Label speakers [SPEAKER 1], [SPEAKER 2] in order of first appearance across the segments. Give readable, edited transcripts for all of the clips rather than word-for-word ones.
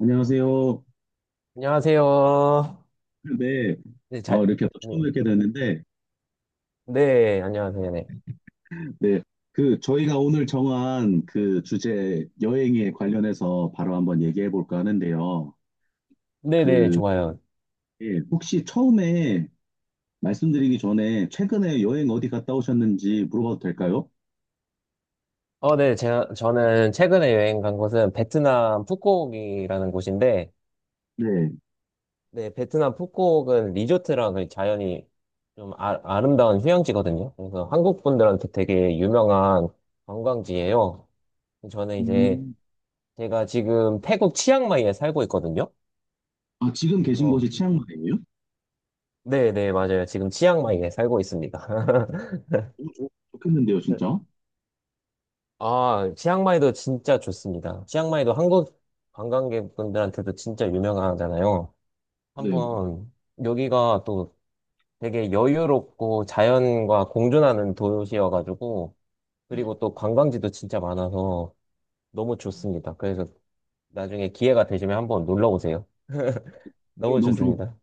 [SPEAKER 1] 안녕하세요.
[SPEAKER 2] 안녕하세요.
[SPEAKER 1] 네,
[SPEAKER 2] 네, 잘,
[SPEAKER 1] 이렇게 또
[SPEAKER 2] 네,
[SPEAKER 1] 처음 뵙게 됐는데,
[SPEAKER 2] 네, 안녕하세요. 네.
[SPEAKER 1] 네, 그 저희가 오늘 정한 그 주제 여행에 관련해서 바로 한번 얘기해 볼까 하는데요.
[SPEAKER 2] 네네,
[SPEAKER 1] 그
[SPEAKER 2] 좋아요.
[SPEAKER 1] 예, 혹시 처음에 말씀드리기 전에 최근에 여행 어디 갔다 오셨는지 물어봐도 될까요?
[SPEAKER 2] 네, 제가, 저는 최근에 여행 간 곳은 베트남 푸꾸옥이라는 곳인데,
[SPEAKER 1] 네.
[SPEAKER 2] 네, 베트남 푸꾸옥은 리조트랑 그 자연이 좀 아름다운 휴양지거든요. 그래서 한국 분들한테 되게 유명한 관광지예요. 저는 이제,
[SPEAKER 1] 음,
[SPEAKER 2] 제가 지금 태국 치앙마이에 살고 있거든요.
[SPEAKER 1] 아, 지금 계신 곳이
[SPEAKER 2] 그래서,
[SPEAKER 1] 치앙마이예요?
[SPEAKER 2] 네네, 맞아요. 지금 치앙마이에 살고 있습니다.
[SPEAKER 1] 너무 좋겠는데요, 진짜.
[SPEAKER 2] 아, 치앙마이도 진짜 좋습니다. 치앙마이도 한국 관광객분들한테도 진짜 유명하잖아요.
[SPEAKER 1] 네,
[SPEAKER 2] 한번 여기가 또 되게 여유롭고 자연과 공존하는 도시여가지고 그리고 또 관광지도 진짜 많아서 너무 좋습니다. 그래서 나중에 기회가 되시면 한번 놀러 오세요.
[SPEAKER 1] 그럼
[SPEAKER 2] 너무
[SPEAKER 1] 너무 좋을
[SPEAKER 2] 좋습니다.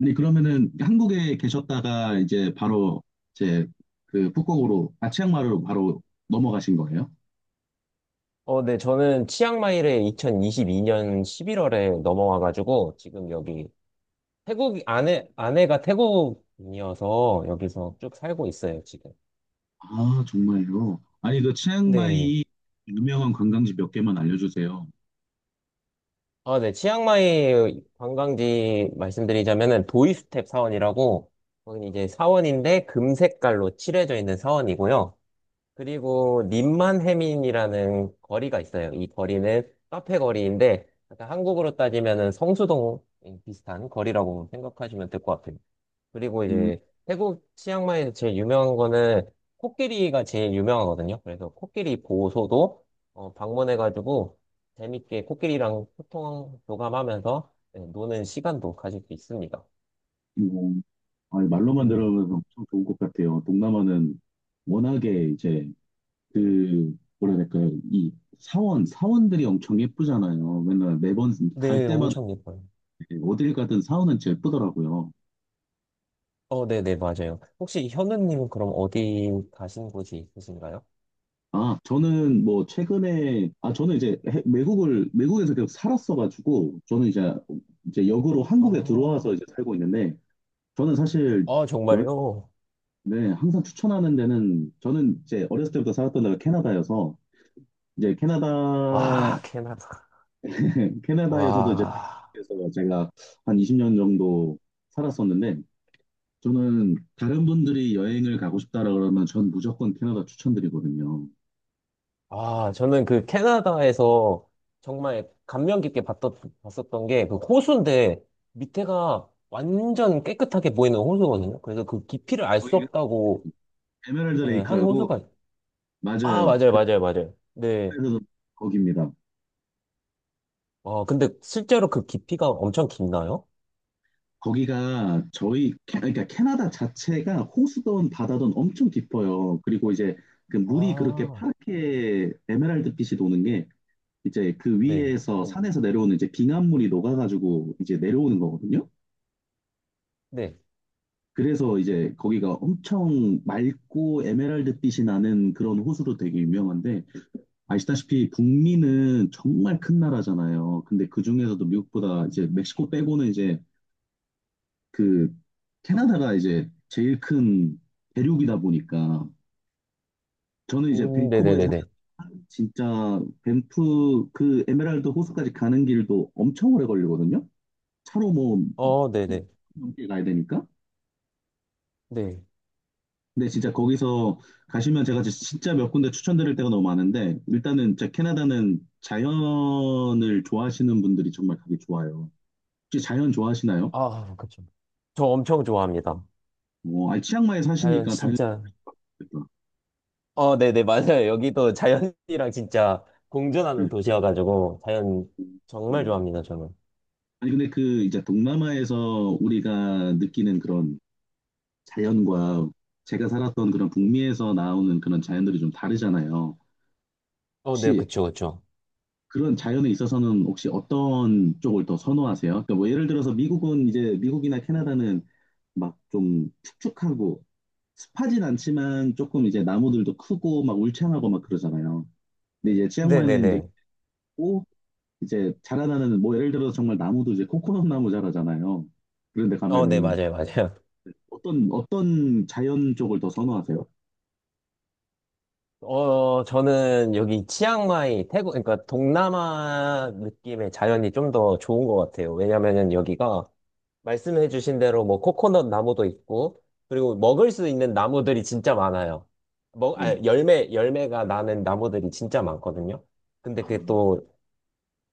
[SPEAKER 1] 아니 그러면은 한국에 계셨다가 이제 바로 이제 그 북극으로 아 치앙마이로 바로 넘어가신 거예요?
[SPEAKER 2] 네, 저는 치앙마이를 2022년 11월에 넘어와가지고 지금 여기 태국 아내가 태국인이어서 여기서 쭉 살고 있어요, 지금.
[SPEAKER 1] 아 정말요? 아니 그
[SPEAKER 2] 네.
[SPEAKER 1] 치앙마이 유명한 관광지 몇 개만 알려주세요.
[SPEAKER 2] 아, 네. 치앙마이 관광지 말씀드리자면은 도이스텝 사원이라고 거긴 이제 사원인데 금색깔로 칠해져 있는 사원이고요. 그리고 님만해민이라는 거리가 있어요. 이 거리는 카페 거리인데 약간 한국으로 따지면은 성수동 비슷한 거리라고 생각하시면 될 것 같아요. 그리고
[SPEAKER 1] 음,
[SPEAKER 2] 이제 태국 치앙마이에서 제일 유명한 거는 코끼리가 제일 유명하거든요. 그래서 코끼리 보호소도 방문해가지고 재밌게 코끼리랑 소통 교감하면서 네, 노는 시간도 가질 수 있습니다.
[SPEAKER 1] 뭐, 아니, 말로만
[SPEAKER 2] 음,
[SPEAKER 1] 들으면 엄청 좋은 것 같아요. 동남아는 워낙에 이제 그 뭐라 해야 될까요? 이 사원들이 엄청 예쁘잖아요. 맨날 매번 갈
[SPEAKER 2] 네,
[SPEAKER 1] 때마다
[SPEAKER 2] 엄청 예뻐요.
[SPEAKER 1] 어딜 가든 사원은 제일 예쁘더라고요.
[SPEAKER 2] 어, 네, 네, 맞아요. 혹시 현우님은 그럼 어디 가신 곳이 있으신가요?
[SPEAKER 1] 아, 저는 뭐 최근에 아 저는 이제 외국을 외국에서 계속 살았어가지고 저는 이제 이제 역으로
[SPEAKER 2] 아,
[SPEAKER 1] 한국에 들어와서 이제 살고 있는데 저는 사실
[SPEAKER 2] 아
[SPEAKER 1] 여행
[SPEAKER 2] 정말요?
[SPEAKER 1] 네, 항상 추천하는 데는 저는 이제 어렸을 때부터 살았던 데가 캐나다여서 이제
[SPEAKER 2] 와,
[SPEAKER 1] 캐나다
[SPEAKER 2] 캐나다.
[SPEAKER 1] 캐나다에서도 이제
[SPEAKER 2] 와.
[SPEAKER 1] 그래서 제가 한 20년 정도 살았었는데 저는 다른 분들이 여행을 가고 싶다라 그러면 전 무조건 캐나다 추천드리거든요.
[SPEAKER 2] 아, 저는 그 캐나다에서 정말 감명 깊게 봤었던 게 그 호수인데 밑에가 완전 깨끗하게 보이는 호수거든요. 그래서 그 깊이를 알 수
[SPEAKER 1] 거기
[SPEAKER 2] 없다고
[SPEAKER 1] 에메랄드
[SPEAKER 2] 예, 한
[SPEAKER 1] 레이크라고
[SPEAKER 2] 호수가, 아,
[SPEAKER 1] 맞아요.
[SPEAKER 2] 맞아요,
[SPEAKER 1] 그
[SPEAKER 2] 맞아요, 맞아요. 네.
[SPEAKER 1] 그래서 거기입니다.
[SPEAKER 2] 아 근데 실제로 그 깊이가 엄청 깊나요?
[SPEAKER 1] 거기가 저희 그러니까 캐나다 자체가 호수든 바다든 엄청 깊어요. 그리고 이제 그 물이 그렇게
[SPEAKER 2] 아,
[SPEAKER 1] 파랗게 에메랄드 빛이 도는 게 이제 그
[SPEAKER 2] 네,
[SPEAKER 1] 위에서 네. 산에서 내려오는 이제 빙하물이 녹아가지고 이제 내려오는 거거든요.
[SPEAKER 2] 네.
[SPEAKER 1] 그래서 이제 거기가 엄청 맑고 에메랄드 빛이 나는 그런 호수로 되게 유명한데 아시다시피 북미는 정말 큰 나라잖아요. 근데 그 중에서도 미국보다 이제 멕시코 빼고는 이제 그 캐나다가 이제 제일 큰 대륙이다 보니까 저는 이제 밴쿠버에 사
[SPEAKER 2] 네네네네.
[SPEAKER 1] 는 진짜 밴프 그 에메랄드 호수까지 가는 길도 엄청 오래 걸리거든요. 차로 뭐
[SPEAKER 2] 어, 네네.
[SPEAKER 1] 넘게 가야 되니까.
[SPEAKER 2] 네.
[SPEAKER 1] 근데 진짜 거기서 가시면 제가 진짜 몇 군데 추천드릴 데가 너무 많은데 일단은 진짜 캐나다는 자연을 좋아하시는 분들이 정말 가기 좋아요. 혹시 자연 좋아하시나요?
[SPEAKER 2] 아, 그쵸. 저 엄청 좋아합니다.
[SPEAKER 1] 어, 아 치앙마이
[SPEAKER 2] 자연
[SPEAKER 1] 사시니까 당연히
[SPEAKER 2] 진짜.
[SPEAKER 1] 좋겠다.
[SPEAKER 2] 어, 네네, 맞아요. 여기도 자연이랑 진짜 공존하는
[SPEAKER 1] 네.
[SPEAKER 2] 도시여가지고, 자연
[SPEAKER 1] 음,
[SPEAKER 2] 정말
[SPEAKER 1] 음.
[SPEAKER 2] 좋아합니다, 저는.
[SPEAKER 1] 아니 근데 그 이제 동남아에서 우리가 느끼는 그런 자연과 제가 살았던 그런 북미에서 나오는 그런 자연들이 좀 다르잖아요.
[SPEAKER 2] 어, 네,
[SPEAKER 1] 혹시
[SPEAKER 2] 그쵸, 그쵸.
[SPEAKER 1] 그런 자연에 있어서는 혹시 어떤 쪽을 더 선호하세요? 그러니까 뭐 예를 들어서 미국은 이제 미국이나 캐나다는 막 좀 축축하고 습하진 않지만 조금 이제 나무들도 크고 막 울창하고 막 그러잖아요. 근데 이제 치앙마이는 이제
[SPEAKER 2] 네네네.
[SPEAKER 1] 고 이제 자라나는 뭐 예를 들어서 정말 나무도 이제 코코넛 나무 자라잖아요. 그런데
[SPEAKER 2] 어, 네,
[SPEAKER 1] 가면은
[SPEAKER 2] 맞아요, 맞아요.
[SPEAKER 1] 어떤 자연 쪽을 더 선호하세요?
[SPEAKER 2] 저는 여기 치앙마이, 태국, 그러니까 동남아 느낌의 자연이 좀 더 좋은 것 같아요. 왜냐면은 여기가 말씀해주신 대로 뭐 코코넛 나무도 있고, 그리고 먹을 수 있는 나무들이 진짜 많아요.
[SPEAKER 1] 네.
[SPEAKER 2] 열매, 열매가 나는 나무들이 진짜 많거든요. 근데
[SPEAKER 1] 아,
[SPEAKER 2] 그게 또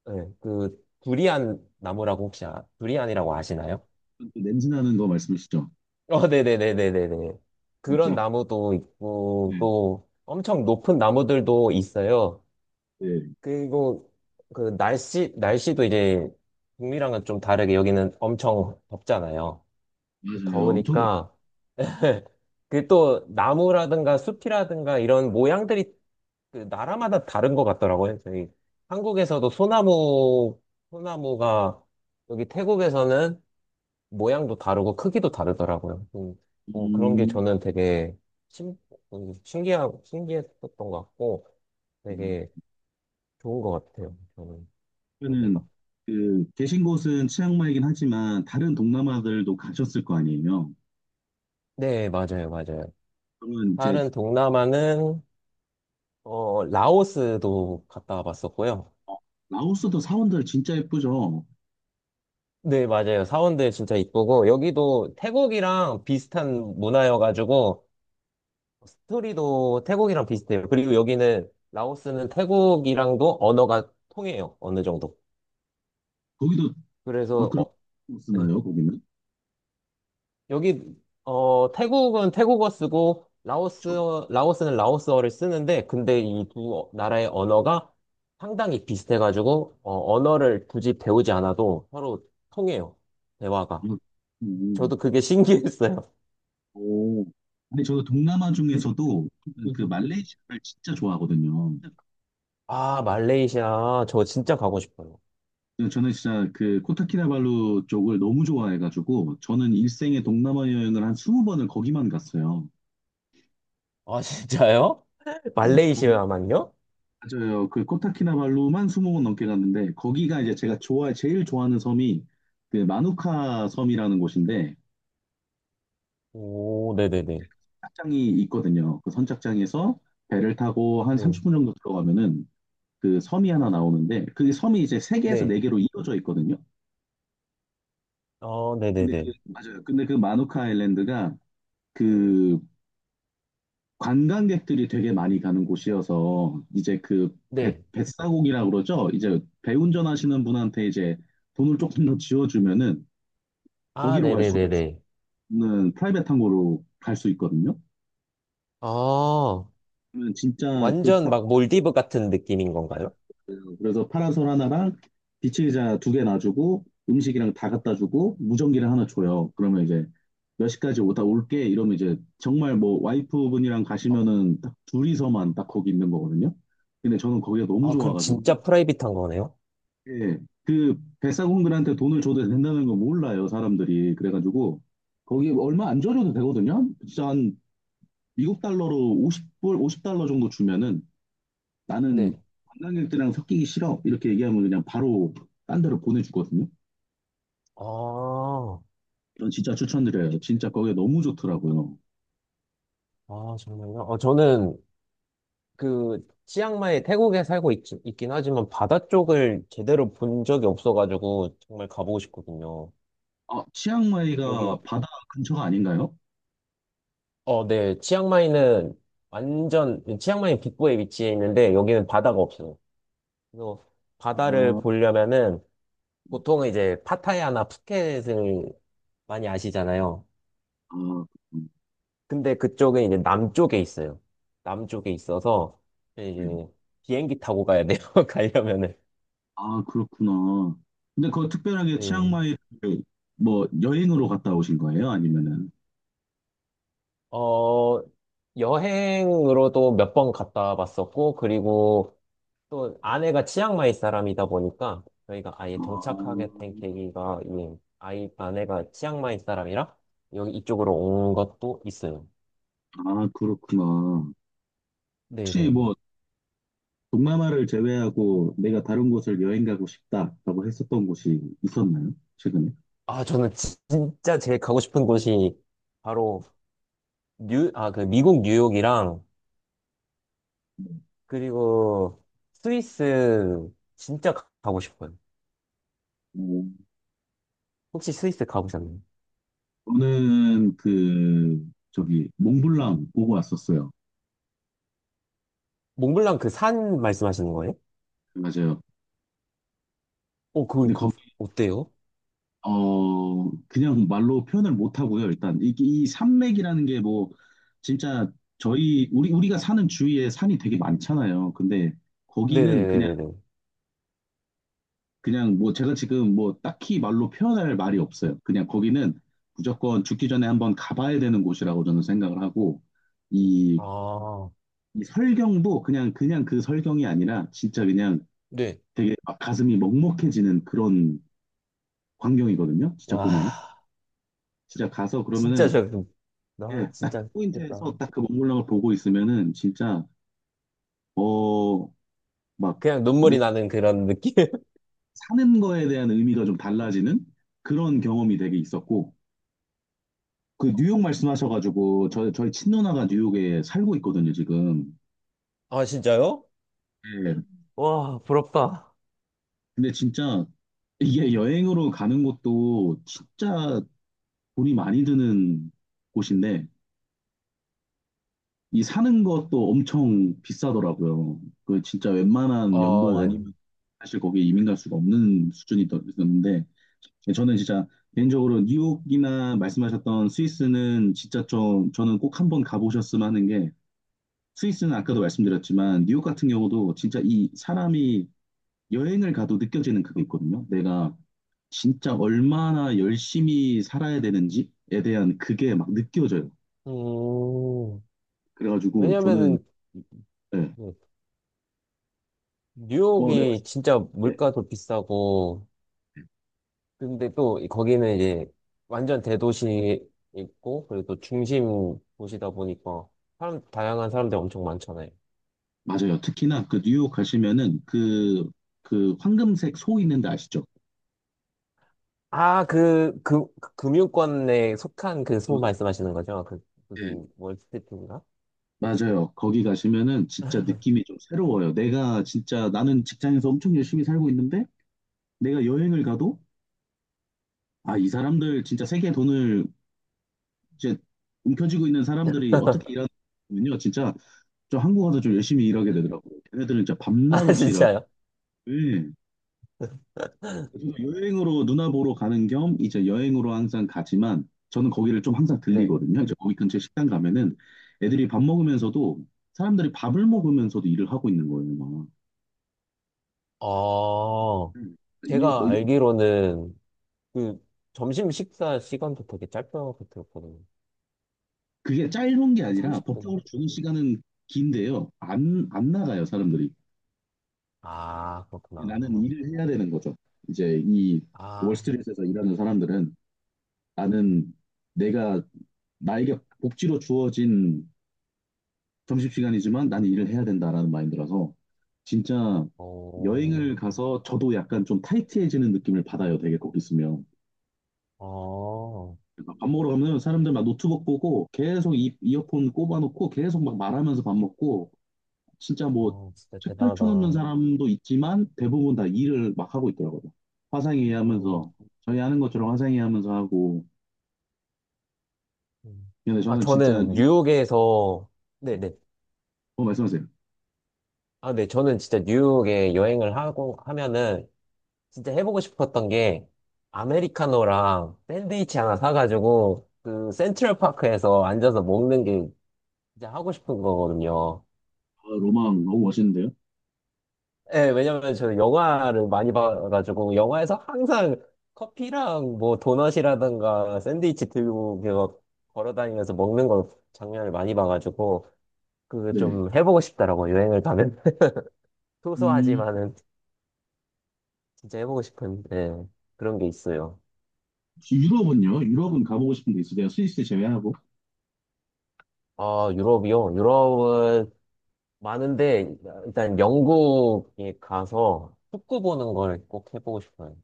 [SPEAKER 2] 네, 그 두리안 나무라고 혹시 두리안이라고 아시나요?
[SPEAKER 1] 또 냄새 나는 거 말씀이시죠?
[SPEAKER 2] 어, 네네네네네네. 그런
[SPEAKER 1] 진짜.
[SPEAKER 2] 나무도 있고
[SPEAKER 1] 네.
[SPEAKER 2] 또 엄청 높은 나무들도 있어요.
[SPEAKER 1] 네.
[SPEAKER 2] 그리고 그 날씨도 이제 북미랑은 좀 다르게 여기는 엄청 덥잖아요.
[SPEAKER 1] 맞아요. 엄청 덥.
[SPEAKER 2] 더우니까 그 또 나무라든가 숲이라든가 이런 모양들이 그 나라마다 다른 것 같더라고요. 저희 한국에서도 소나무가 여기 태국에서는 모양도 다르고 크기도 다르더라고요. 어, 그런 게
[SPEAKER 1] 음.
[SPEAKER 2] 저는 되게 신, 신기했었던 것 같고
[SPEAKER 1] 음.
[SPEAKER 2] 되게 좋은 것 같아요. 저는 여기가.
[SPEAKER 1] 그러면은 그 계신 곳은 치앙마이긴 하지만 다른 동남아들도 가셨을 거 아니에요?
[SPEAKER 2] 네, 맞아요, 맞아요.
[SPEAKER 1] 그러면 이제
[SPEAKER 2] 다른 동남아는 어, 라오스도 갔다 와봤었고요.
[SPEAKER 1] 어, 라오스도 사원들 진짜 예쁘죠?
[SPEAKER 2] 네, 맞아요. 사원들 진짜 이쁘고 여기도 태국이랑 비슷한 문화여가지고 스토리도 태국이랑 비슷해요. 그리고 여기는 라오스는 태국이랑도 언어가 통해요. 어느 정도.
[SPEAKER 1] 거기도 아
[SPEAKER 2] 그래서
[SPEAKER 1] 그런
[SPEAKER 2] 어,
[SPEAKER 1] 거
[SPEAKER 2] 네.
[SPEAKER 1] 쓰나요? 거기는?
[SPEAKER 2] 여기 어 태국은 태국어 쓰고 라오스
[SPEAKER 1] 저.
[SPEAKER 2] 라오스는 라오스어를 쓰는데 근데 이 두 나라의 언어가 상당히 비슷해가지고 어, 언어를 굳이 배우지 않아도 서로 통해요. 대화가.
[SPEAKER 1] 음.
[SPEAKER 2] 저도
[SPEAKER 1] 음.
[SPEAKER 2] 그게 신기했어요.
[SPEAKER 1] 오. 근데 저도 동남아
[SPEAKER 2] 저
[SPEAKER 1] 중에서도 그 말레이시아를 진짜 좋아하거든요.
[SPEAKER 2] 아, 말레이시아. 저 진짜 가고 싶어요.
[SPEAKER 1] 네, 저는 진짜 그 코타키나발루 쪽을 너무 좋아해가지고 저는 일생에 동남아 여행을 한 20번을 거기만 갔어요.
[SPEAKER 2] 아, 진짜요?
[SPEAKER 1] 네, 거기
[SPEAKER 2] 말레이시아만요?
[SPEAKER 1] 맞아요. 그 코타키나발루만 20번 넘게 갔는데 거기가 이제 제가 좋아 제일 좋아하는 섬이 그 마누카 섬이라는 곳인데
[SPEAKER 2] 오, 네네네.
[SPEAKER 1] 선착장이 있거든요. 그 선착장에서 배를 타고 한
[SPEAKER 2] 네.
[SPEAKER 1] 30분 정도 들어가면은 그 섬이 하나 나오는데 그 섬이 이제 세 개에서
[SPEAKER 2] 네.
[SPEAKER 1] 네 개로 이어져 있거든요.
[SPEAKER 2] 어,
[SPEAKER 1] 근데
[SPEAKER 2] 네네네.
[SPEAKER 1] 그 맞아요. 근데 그 마누카 아일랜드가 그 관광객들이 되게 많이 가는 곳이어서 이제 그 배,
[SPEAKER 2] 네.
[SPEAKER 1] 뱃사공이라고 그러죠. 이제 배 운전하시는 분한테 이제 돈을 조금 더 지어주면은
[SPEAKER 2] 아,
[SPEAKER 1] 거기로 갈 수가
[SPEAKER 2] 네네네네.
[SPEAKER 1] 있는 프라이빗 항공으로 갈 수 있거든요.
[SPEAKER 2] 아.
[SPEAKER 1] 그러면 진짜 그
[SPEAKER 2] 완전
[SPEAKER 1] 딱
[SPEAKER 2] 막 몰디브 같은 느낌인 건가요?
[SPEAKER 1] 그래서 파라솔 하나랑 비치 의자 두 개 놔주고 음식이랑 다 갖다 주고 무전기를 하나 줘요. 그러면 이제 몇 시까지 오다 올게 이러면 이제 정말 뭐 와이프분이랑
[SPEAKER 2] 아,
[SPEAKER 1] 가시면은 딱 둘이서만 딱 거기 있는 거거든요. 근데 저는 거기가 너무
[SPEAKER 2] 아, 그럼
[SPEAKER 1] 좋아가지고
[SPEAKER 2] 진짜 프라이빗한 거네요?
[SPEAKER 1] 예, 그 백사공들한테 돈을 줘도 된다는 거 몰라요, 사람들이. 그래가지고 거기 얼마 안 줘도 되거든요. 진짜 한 미국 달러로 50불, 50달러 정도 주면은 나는
[SPEAKER 2] 네.
[SPEAKER 1] 관광객들이랑 섞이기 싫어. 이렇게 얘기하면 그냥 바로 딴 데로 보내주거든요.
[SPEAKER 2] 아,
[SPEAKER 1] 이건 진짜 추천드려요. 진짜 거기 너무 좋더라고요.
[SPEAKER 2] 아, 정말요? 어, 저는 그 치앙마이 태국에 살고 있, 있긴 하지만 바다 쪽을 제대로 본 적이 없어가지고 정말 가보고 싶거든요.
[SPEAKER 1] 아,
[SPEAKER 2] 여기,
[SPEAKER 1] 치앙마이가 바다 근처가 아닌가요?
[SPEAKER 2] 어, 네. 치앙마이는 완전, 치앙마이 북부에 위치해 있는데 여기는 바다가 없어요. 그래서 바다를
[SPEAKER 1] 아,
[SPEAKER 2] 보려면은 보통은 이제 파타야나 푸켓을 많이 아시잖아요.
[SPEAKER 1] 아, 음,
[SPEAKER 2] 근데 그쪽은 이제 남쪽에 있어요. 남쪽에 있어서
[SPEAKER 1] 네.
[SPEAKER 2] 이제 비행기 타고 가야 돼요. 가려면은.
[SPEAKER 1] 아, 그렇구나. 근데 그거 특별하게
[SPEAKER 2] 네.
[SPEAKER 1] 치앙마이 뭐 여행으로 갔다 오신 거예요? 아니면은?
[SPEAKER 2] 어, 여행으로도 몇 번 갔다 봤었고 그리고 또 아내가 치앙마이 사람이다 보니까 저희가 아예
[SPEAKER 1] 아,
[SPEAKER 2] 정착하게 된 계기가 이 아이 아내가 치앙마이 사람이라 여기 이쪽으로 온 것도 있어요.
[SPEAKER 1] 아, 그렇구나.
[SPEAKER 2] 네, 네,
[SPEAKER 1] 혹시
[SPEAKER 2] 네.
[SPEAKER 1] 뭐 동남아를 제외하고 내가 다른 곳을 여행 가고 싶다라고 했었던 곳이 있었나요? 최근에?
[SPEAKER 2] 아, 저는 진짜 제일 가고 싶은 곳이 바로 그 미국 뉴욕이랑 그리고 스위스 진짜 가고 싶어요.
[SPEAKER 1] 음,
[SPEAKER 2] 혹시 스위스 가보셨나요?
[SPEAKER 1] 저는 그 저기 몽블랑 보고 왔었어요.
[SPEAKER 2] 몽블랑 그 산 말씀하시는 거예요?
[SPEAKER 1] 맞아요.
[SPEAKER 2] 어, 그,
[SPEAKER 1] 근데
[SPEAKER 2] 그,
[SPEAKER 1] 거,
[SPEAKER 2] 어때요?
[SPEAKER 1] 어, 그냥 말로 표현을 못 하고요. 일단 이 산맥이라는 게 뭐 진짜 저희 우리가 사는 주위에 산이 되게 많잖아요. 근데 거기는 그냥
[SPEAKER 2] 네네네네네.
[SPEAKER 1] 그냥 뭐 제가 지금 뭐 딱히 말로 표현할 말이 없어요. 그냥 거기는 무조건 죽기 전에 한번 가봐야 되는 곳이라고 저는 생각을 하고 이,
[SPEAKER 2] 아,
[SPEAKER 1] 이 설경도 그냥 그냥 그 설경이 아니라 진짜 그냥
[SPEAKER 2] 네.
[SPEAKER 1] 되게 막 가슴이 먹먹해지는 그런 광경이거든요. 진짜 보면은
[SPEAKER 2] 와,
[SPEAKER 1] 진짜 가서
[SPEAKER 2] 진짜
[SPEAKER 1] 그러면은
[SPEAKER 2] 저, 그-
[SPEAKER 1] 예,
[SPEAKER 2] 나
[SPEAKER 1] 딱 그
[SPEAKER 2] 진짜 좋겠다.
[SPEAKER 1] 포인트에서 딱 그 먹물랑을 보고 있으면은 진짜 어 막
[SPEAKER 2] 그냥
[SPEAKER 1] 내
[SPEAKER 2] 눈물이 나는 그런 느낌?
[SPEAKER 1] 사는 거에 대한 의미가 좀 달라지는 그런 경험이 되게 있었고 그 뉴욕 말씀하셔가지고 저 저희 친누나가 뉴욕에 살고 있거든요 지금.
[SPEAKER 2] 아, 진짜요?
[SPEAKER 1] 예,
[SPEAKER 2] 와, 부럽다.
[SPEAKER 1] 근데 진짜 이게 여행으로 가는 것도 진짜 돈이 많이 드는 곳인데 이 사는 것도 엄청 비싸더라고요. 그 진짜 웬만한
[SPEAKER 2] 아
[SPEAKER 1] 연봉
[SPEAKER 2] 네.
[SPEAKER 1] 아니면 사실 거기에 이민 갈 수가 없는 수준이었는데 네, 저는 진짜 개인적으로 뉴욕이나 말씀하셨던 스위스는 진짜 좀 저는 꼭 한번 가보셨으면 하는 게 스위스는 아까도 말씀드렸지만 뉴욕 같은 경우도 진짜 이 사람이 여행을 가도 느껴지는 그게 있거든요. 내가 진짜 얼마나 열심히 살아야 되는지에 대한 그게 막 느껴져요.
[SPEAKER 2] 음,
[SPEAKER 1] 그래가지고 저는
[SPEAKER 2] 왜냐면은,
[SPEAKER 1] 네. 뭐, 네,
[SPEAKER 2] 뉴욕이
[SPEAKER 1] 말씀-
[SPEAKER 2] 진짜
[SPEAKER 1] 예.
[SPEAKER 2] 물가도 비싸고, 근데 또 거기는 이제 완전 대도시 있고 그리고 또 중심 도시다 보니까 사람 다양한 사람들 엄청 많잖아요.
[SPEAKER 1] 맞아요. 특히나 그 뉴욕 가시면은 그, 그 황금색 소 있는데 아시죠?
[SPEAKER 2] 그 금융권에 속한 그 소문 말씀하시는 거죠? 그
[SPEAKER 1] 네.
[SPEAKER 2] 무슨 월스트리트인가?
[SPEAKER 1] 맞아요. 거기 가시면은 진짜 느낌이 좀 새로워요. 내가 진짜 나는 직장에서 엄청 열심히 살고 있는데 내가 여행을 가도 아, 이 사람들 진짜 세계 돈을 이제 움켜쥐고 있는 사람들이 어떻게 일하는군요. 진짜 저 한국 와서 좀 열심히 일하게 되더라고요. 걔네들은 진짜 밤낮
[SPEAKER 2] 아,
[SPEAKER 1] 없이 일하고.
[SPEAKER 2] 진짜요?
[SPEAKER 1] 네. 저도 여행으로 누나 보러 가는 겸 이제 여행으로 항상 가지만 저는 거기를 좀 항상
[SPEAKER 2] 네.
[SPEAKER 1] 들리거든요. 이제 거기 근처 식당 가면은 애들이 밥 먹으면서도 사람들이 밥을 먹으면서도 일을 하고 있는 거예요. 막.
[SPEAKER 2] 아,
[SPEAKER 1] 음. 이,
[SPEAKER 2] 제가
[SPEAKER 1] 어, 이-
[SPEAKER 2] 알기로는 그 점심 식사 시간도 되게 짧다고 들었거든요.
[SPEAKER 1] 그게 짧은 게
[SPEAKER 2] 한
[SPEAKER 1] 아니라 법적으로
[SPEAKER 2] 30분인가?
[SPEAKER 1] 주는 시간은 긴데요. 안 나가요, 사람들이.
[SPEAKER 2] 아, 그렇구나.
[SPEAKER 1] 나는 일을 해야 되는 거죠. 이제 이
[SPEAKER 2] 아,
[SPEAKER 1] 월스트리트에서 일하는 사람들은 나는 내가 나에게 복지로 주어진 점심시간이지만 나는 일을 해야 된다라는 마인드라서 진짜
[SPEAKER 2] 오,
[SPEAKER 1] 여행을 가서 저도 약간 좀 타이트해지는 느낌을 받아요. 되게 거기 있으면.
[SPEAKER 2] 어. 아.
[SPEAKER 1] 밥 먹으러 가면 사람들 막 노트북 보고 계속 이어폰 꼽아놓고 계속 막 말하면서 밥 먹고 진짜 뭐
[SPEAKER 2] 어, 진짜
[SPEAKER 1] 책
[SPEAKER 2] 대단하다.
[SPEAKER 1] 펼쳐놓는 사람도 있지만 대부분 다 일을 막 하고 있더라고요. 화상회의
[SPEAKER 2] 음,
[SPEAKER 1] 하면서 저희 하는 것처럼 화상회의 하면서 하고
[SPEAKER 2] 음.
[SPEAKER 1] 근데
[SPEAKER 2] 아,
[SPEAKER 1] 저는 진짜
[SPEAKER 2] 저는
[SPEAKER 1] 뭐
[SPEAKER 2] 뉴욕에서, 네네.
[SPEAKER 1] 어 말씀하세요.
[SPEAKER 2] 아, 네. 저는 진짜 뉴욕에 여행을 하고, 하면은, 진짜 해보고 싶었던 게, 아메리카노랑 샌드위치 하나 사가지고, 그, 센트럴파크에서 앉아서 먹는 게 진짜 하고 싶은 거거든요.
[SPEAKER 1] 아, 로망 너무 멋있는데요?
[SPEAKER 2] 예, 왜냐면 저는 영화를 많이 봐가지고, 영화에서 항상 커피랑 뭐 도넛이라든가 샌드위치 들고, 그거 걸어 다니면서 먹는 걸 장면을 많이 봐가지고, 그거
[SPEAKER 1] 네.
[SPEAKER 2] 좀 해보고 싶더라고, 여행을 가면.
[SPEAKER 1] 음,
[SPEAKER 2] 소소하지만은 진짜 해보고 싶은 예, 그런 게 있어요.
[SPEAKER 1] 유럽은요? 유럽은 가보고 싶은 데 있으세요? 스위스 제외하고?
[SPEAKER 2] 아, 유럽이요? 유럽은 많은데, 일단 영국에 가서 축구 보는 걸 꼭 해보고 싶어요.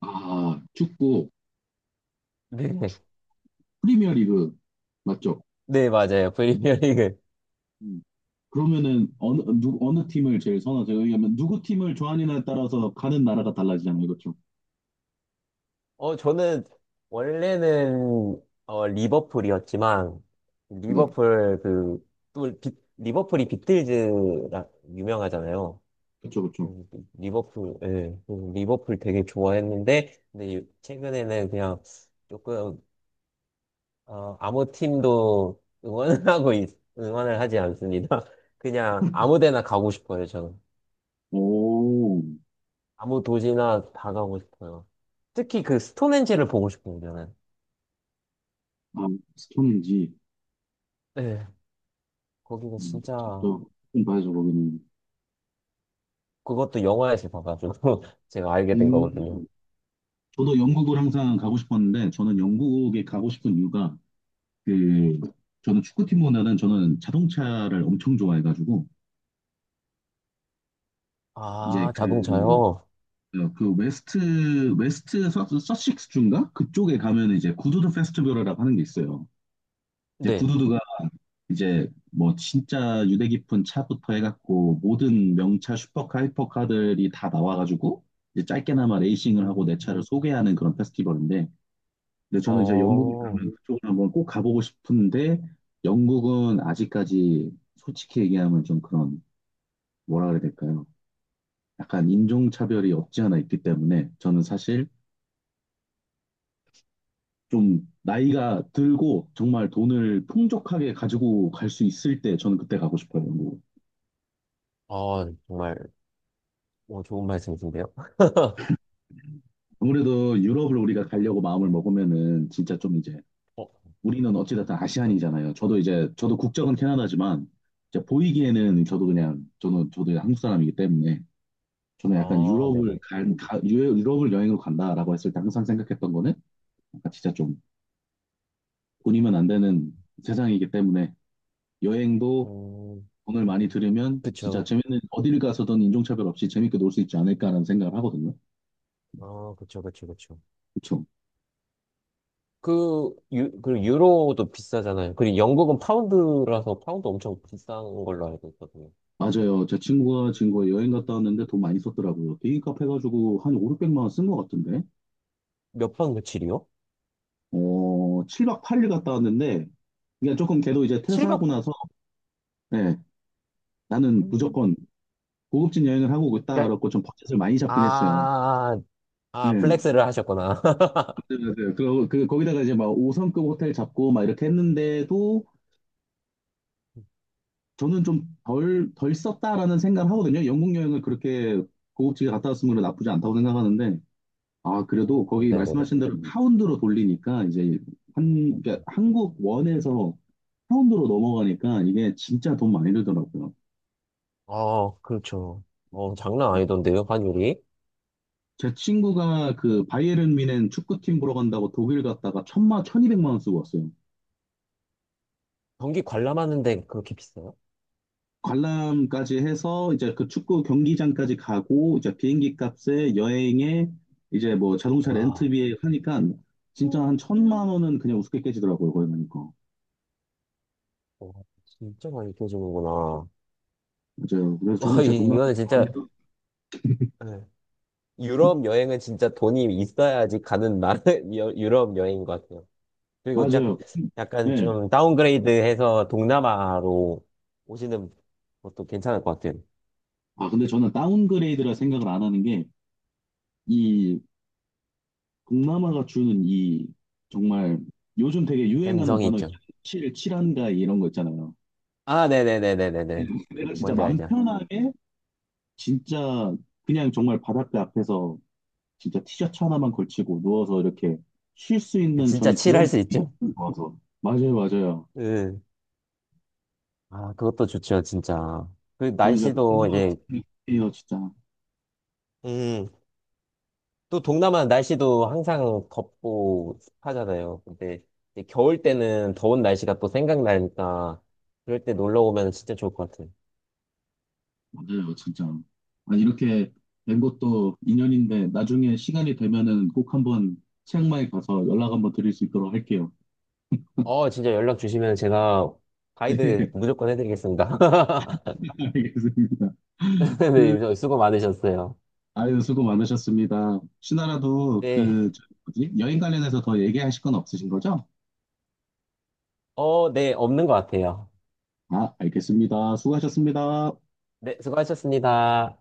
[SPEAKER 1] 아, 축구,
[SPEAKER 2] 네,
[SPEAKER 1] 프리미어 리그, 맞죠?
[SPEAKER 2] 네, 맞아요. 프리미어리그.
[SPEAKER 1] 음. 그러면은 어느 팀을 제일 선호하세요? 왜냐면 누구 팀을 좋아하느냐에 따라서 가는 나라가 달라지잖아요. 그렇죠?
[SPEAKER 2] 어, 저는 원래는 어, 리버풀이었지만,
[SPEAKER 1] 네.
[SPEAKER 2] 리버풀 그, 또 비- 리버풀이 비틀즈라 유명하잖아요.
[SPEAKER 1] 그렇죠, 그렇죠.
[SPEAKER 2] 음, 리버풀, 예, 리버풀 되게 좋아했는데, 근데 최근에는 그냥 조금, 어, 아무 팀도 응원하고, 있- 응원을 하지 않습니다. 그냥 아무 데나 가고 싶어요, 저는.
[SPEAKER 1] 오,
[SPEAKER 2] 아무 도시나 다 가고 싶어요. 특히 그 스톤헨지를 보고 싶어요, 저는.
[SPEAKER 1] 아, 스톤인지,
[SPEAKER 2] 네. 거기가
[SPEAKER 1] 음,
[SPEAKER 2] 진짜,
[SPEAKER 1] 또, 좀 봐야죠, 거기는.
[SPEAKER 2] 그것도 영화에서 봐가지고 제가 알게 된
[SPEAKER 1] 음,
[SPEAKER 2] 거거든요.
[SPEAKER 1] 저도 영국을 항상 가고 싶었는데, 저는 영국에 가고 싶은 이유가, 그, 저는 축구팀보다는 저는 자동차를 엄청 좋아해가지고, 이제
[SPEAKER 2] 아,
[SPEAKER 1] 그,
[SPEAKER 2] 자동차요?
[SPEAKER 1] 어, 그 웨스트 서식스 주인가? 그쪽에 가면 이제 구두드 페스티벌이라고 하는 게 있어요. 이제
[SPEAKER 2] 네.
[SPEAKER 1] 구두드가 이제 뭐 진짜 유대 깊은 차부터 해갖고 모든 명차 슈퍼카 하이퍼카들이 다 나와가지고 이제 짧게나마 레이싱을 하고
[SPEAKER 2] 음.
[SPEAKER 1] 내 차를 소개하는 그런 페스티벌인데 근데 저는 이제 영국에
[SPEAKER 2] 어,
[SPEAKER 1] 가면 그쪽을 한번 꼭 가보고 싶은데 영국은 아직까지 솔직히 얘기하면 좀 그런 뭐라 그래야 될까요? 약간 인종차별이 없지 않아 있기 때문에 저는 사실 좀 나이가 들고 정말 돈을 풍족하게 가지고 갈 수 있을 때 저는 그때 가고 싶어요. 영국.
[SPEAKER 2] 아, 정말. 뭐 좋은 말씀이신데요.
[SPEAKER 1] 아무래도 유럽을 우리가 가려고 마음을 먹으면은 진짜 좀 이제
[SPEAKER 2] 어,
[SPEAKER 1] 우리는 어찌됐든
[SPEAKER 2] 일단.
[SPEAKER 1] 아시안이잖아요. 저도 이제 저도 국적은 캐나다지만 이제 보이기에는 저도 그냥 저는 저도 이제 한국 사람이기 때문에 저는 약간
[SPEAKER 2] 아, 네네.
[SPEAKER 1] 유럽을 간- 가, 유- 유럽을 여행으로 간다라고 했을 때 항상 생각했던 거는 약간 진짜 좀 돈이면 안 되는 세상이기 때문에 여행도
[SPEAKER 2] 음,
[SPEAKER 1] 돈을 많이 들으면
[SPEAKER 2] 그쵸.
[SPEAKER 1] 진짜 재밌는 어딜 가서든 인종차별 없이 재밌게 놀 수 있지 않을까라는 생각을 하거든요.
[SPEAKER 2] 아, 그쵸, 그쵸, 그쵸.
[SPEAKER 1] 그쵸?
[SPEAKER 2] 그리고 유로도 비싸잖아요. 그리고 영국은 파운드라서 파운드 엄청 비싼 걸로 알고 있거든요.
[SPEAKER 1] 맞아요. 제 친구가 지금 거의 여행 갔다 왔는데 돈 많이 썼더라고요. 비행값 해가지고 한 5, 600만 원 쓴 것 같은데.
[SPEAKER 2] 몇박 며칠이요?
[SPEAKER 1] 어, 7박 8일 갔다 왔는데 그러니까 조금 걔도 이제 퇴사하고
[SPEAKER 2] 7박?
[SPEAKER 1] 나서 네, 나는 무조건 고급진 여행을 하고 있다 그렇고 좀 버젯을 많이 잡긴 했어요.
[SPEAKER 2] 아,
[SPEAKER 1] 네,
[SPEAKER 2] 아,
[SPEAKER 1] 맞아요,
[SPEAKER 2] 플렉스를 하셨구나.
[SPEAKER 1] 맞아요. 그리고 그 거기다가 이제 막 5성급 호텔 잡고 막 이렇게 했는데도 저는 좀 덜 썼다라는 생각을 하거든요. 영국 여행을 그렇게 고급지게 갔다 왔으면 나쁘지 않다고 생각하는데, 아, 그래도 거기
[SPEAKER 2] 네네네.
[SPEAKER 1] 말씀하신 대로 파운드로 돌리니까, 이제 한, 그러니까 한국 원에서 파운드로 넘어가니까 이게 진짜 돈 많이 들더라고요.
[SPEAKER 2] 아, 그렇죠. 어, 장난 아니던데요, 환율이?
[SPEAKER 1] 제 친구가 그 바이에른 뮌헨 축구팀 보러 간다고 독일 갔다가 천이백만 원 쓰고 왔어요.
[SPEAKER 2] 경기 관람하는데 그렇게 비싸요?
[SPEAKER 1] 관람까지 해서 이제 그 축구 경기장까지 가고 이제 비행기 값에 여행에 이제 뭐 자동차
[SPEAKER 2] 와.
[SPEAKER 1] 렌트비에 하니까 진짜 한 천만 원은 그냥 우습게 깨지더라고요 거기 가니까
[SPEAKER 2] 와, 진짜 많이 껴주는구나.
[SPEAKER 1] 맞아요 그래서
[SPEAKER 2] 와,
[SPEAKER 1] 저는 제
[SPEAKER 2] 이,
[SPEAKER 1] 동남아
[SPEAKER 2] 이거는 진짜,
[SPEAKER 1] 좋아합니다
[SPEAKER 2] 네. 유럽 여행은 진짜 돈이 있어야지 가는 나라, 유럽 여행인 것 같아요. 그리고 짝,
[SPEAKER 1] 맞아요
[SPEAKER 2] 약간
[SPEAKER 1] 네.
[SPEAKER 2] 좀 다운그레이드 해서 동남아로 오시는 것도 괜찮을 것 같아요.
[SPEAKER 1] 아 근데 저는 다운그레이드라 생각을 안 하는 게 이 동남아가 주는 이 정말 요즘 되게 유행하는
[SPEAKER 2] 갬성이
[SPEAKER 1] 단어
[SPEAKER 2] 있죠.
[SPEAKER 1] 있잖아요 칠 칠한가이 이런 거 있잖아요
[SPEAKER 2] 아, 네네네네네네.
[SPEAKER 1] 내가 진짜
[SPEAKER 2] 뭔지
[SPEAKER 1] 맘
[SPEAKER 2] 알죠?
[SPEAKER 1] 편하게 진짜 그냥 정말 바닷가 앞에서 진짜 티셔츠 하나만 걸치고 누워서 이렇게 쉴 수 있는
[SPEAKER 2] 진짜
[SPEAKER 1] 저는
[SPEAKER 2] 칠할
[SPEAKER 1] 그런
[SPEAKER 2] 수
[SPEAKER 1] 분위기가
[SPEAKER 2] 있죠?
[SPEAKER 1] 너무 좋아서. 맞아요, 맞아요.
[SPEAKER 2] 응. 아, 그것도 좋죠, 진짜. 그
[SPEAKER 1] 저는 진짜
[SPEAKER 2] 날씨도 이제,
[SPEAKER 1] 동료예요, 진짜.
[SPEAKER 2] 음. 또 동남아 날씨도 항상 덥고 습하잖아요. 근데 이제 겨울 때는 더운 날씨가 또 생각나니까 그럴 때 놀러 오면 진짜 좋을 것 같아요.
[SPEAKER 1] 맞아요, 진짜. 아, 이렇게 된 것도 인연인데 나중에 시간이 되면은 꼭 한번 치앙마이 가서 연락 한번 드릴 수 있도록 할게요.
[SPEAKER 2] 어, 진짜 연락 주시면 제가 가이드 무조건 해드리겠습니다.
[SPEAKER 1] 네, 알겠습니다. 그,
[SPEAKER 2] 네, 수고 많으셨어요.
[SPEAKER 1] 아유, 수고 많으셨습니다. 신하라도
[SPEAKER 2] 네.
[SPEAKER 1] 그, 저 뭐지? 여행 관련해서 더 얘기하실 건 없으신 거죠?
[SPEAKER 2] 어, 네, 없는 것 같아요.
[SPEAKER 1] 아, 알겠습니다. 수고하셨습니다.
[SPEAKER 2] 네, 수고하셨습니다.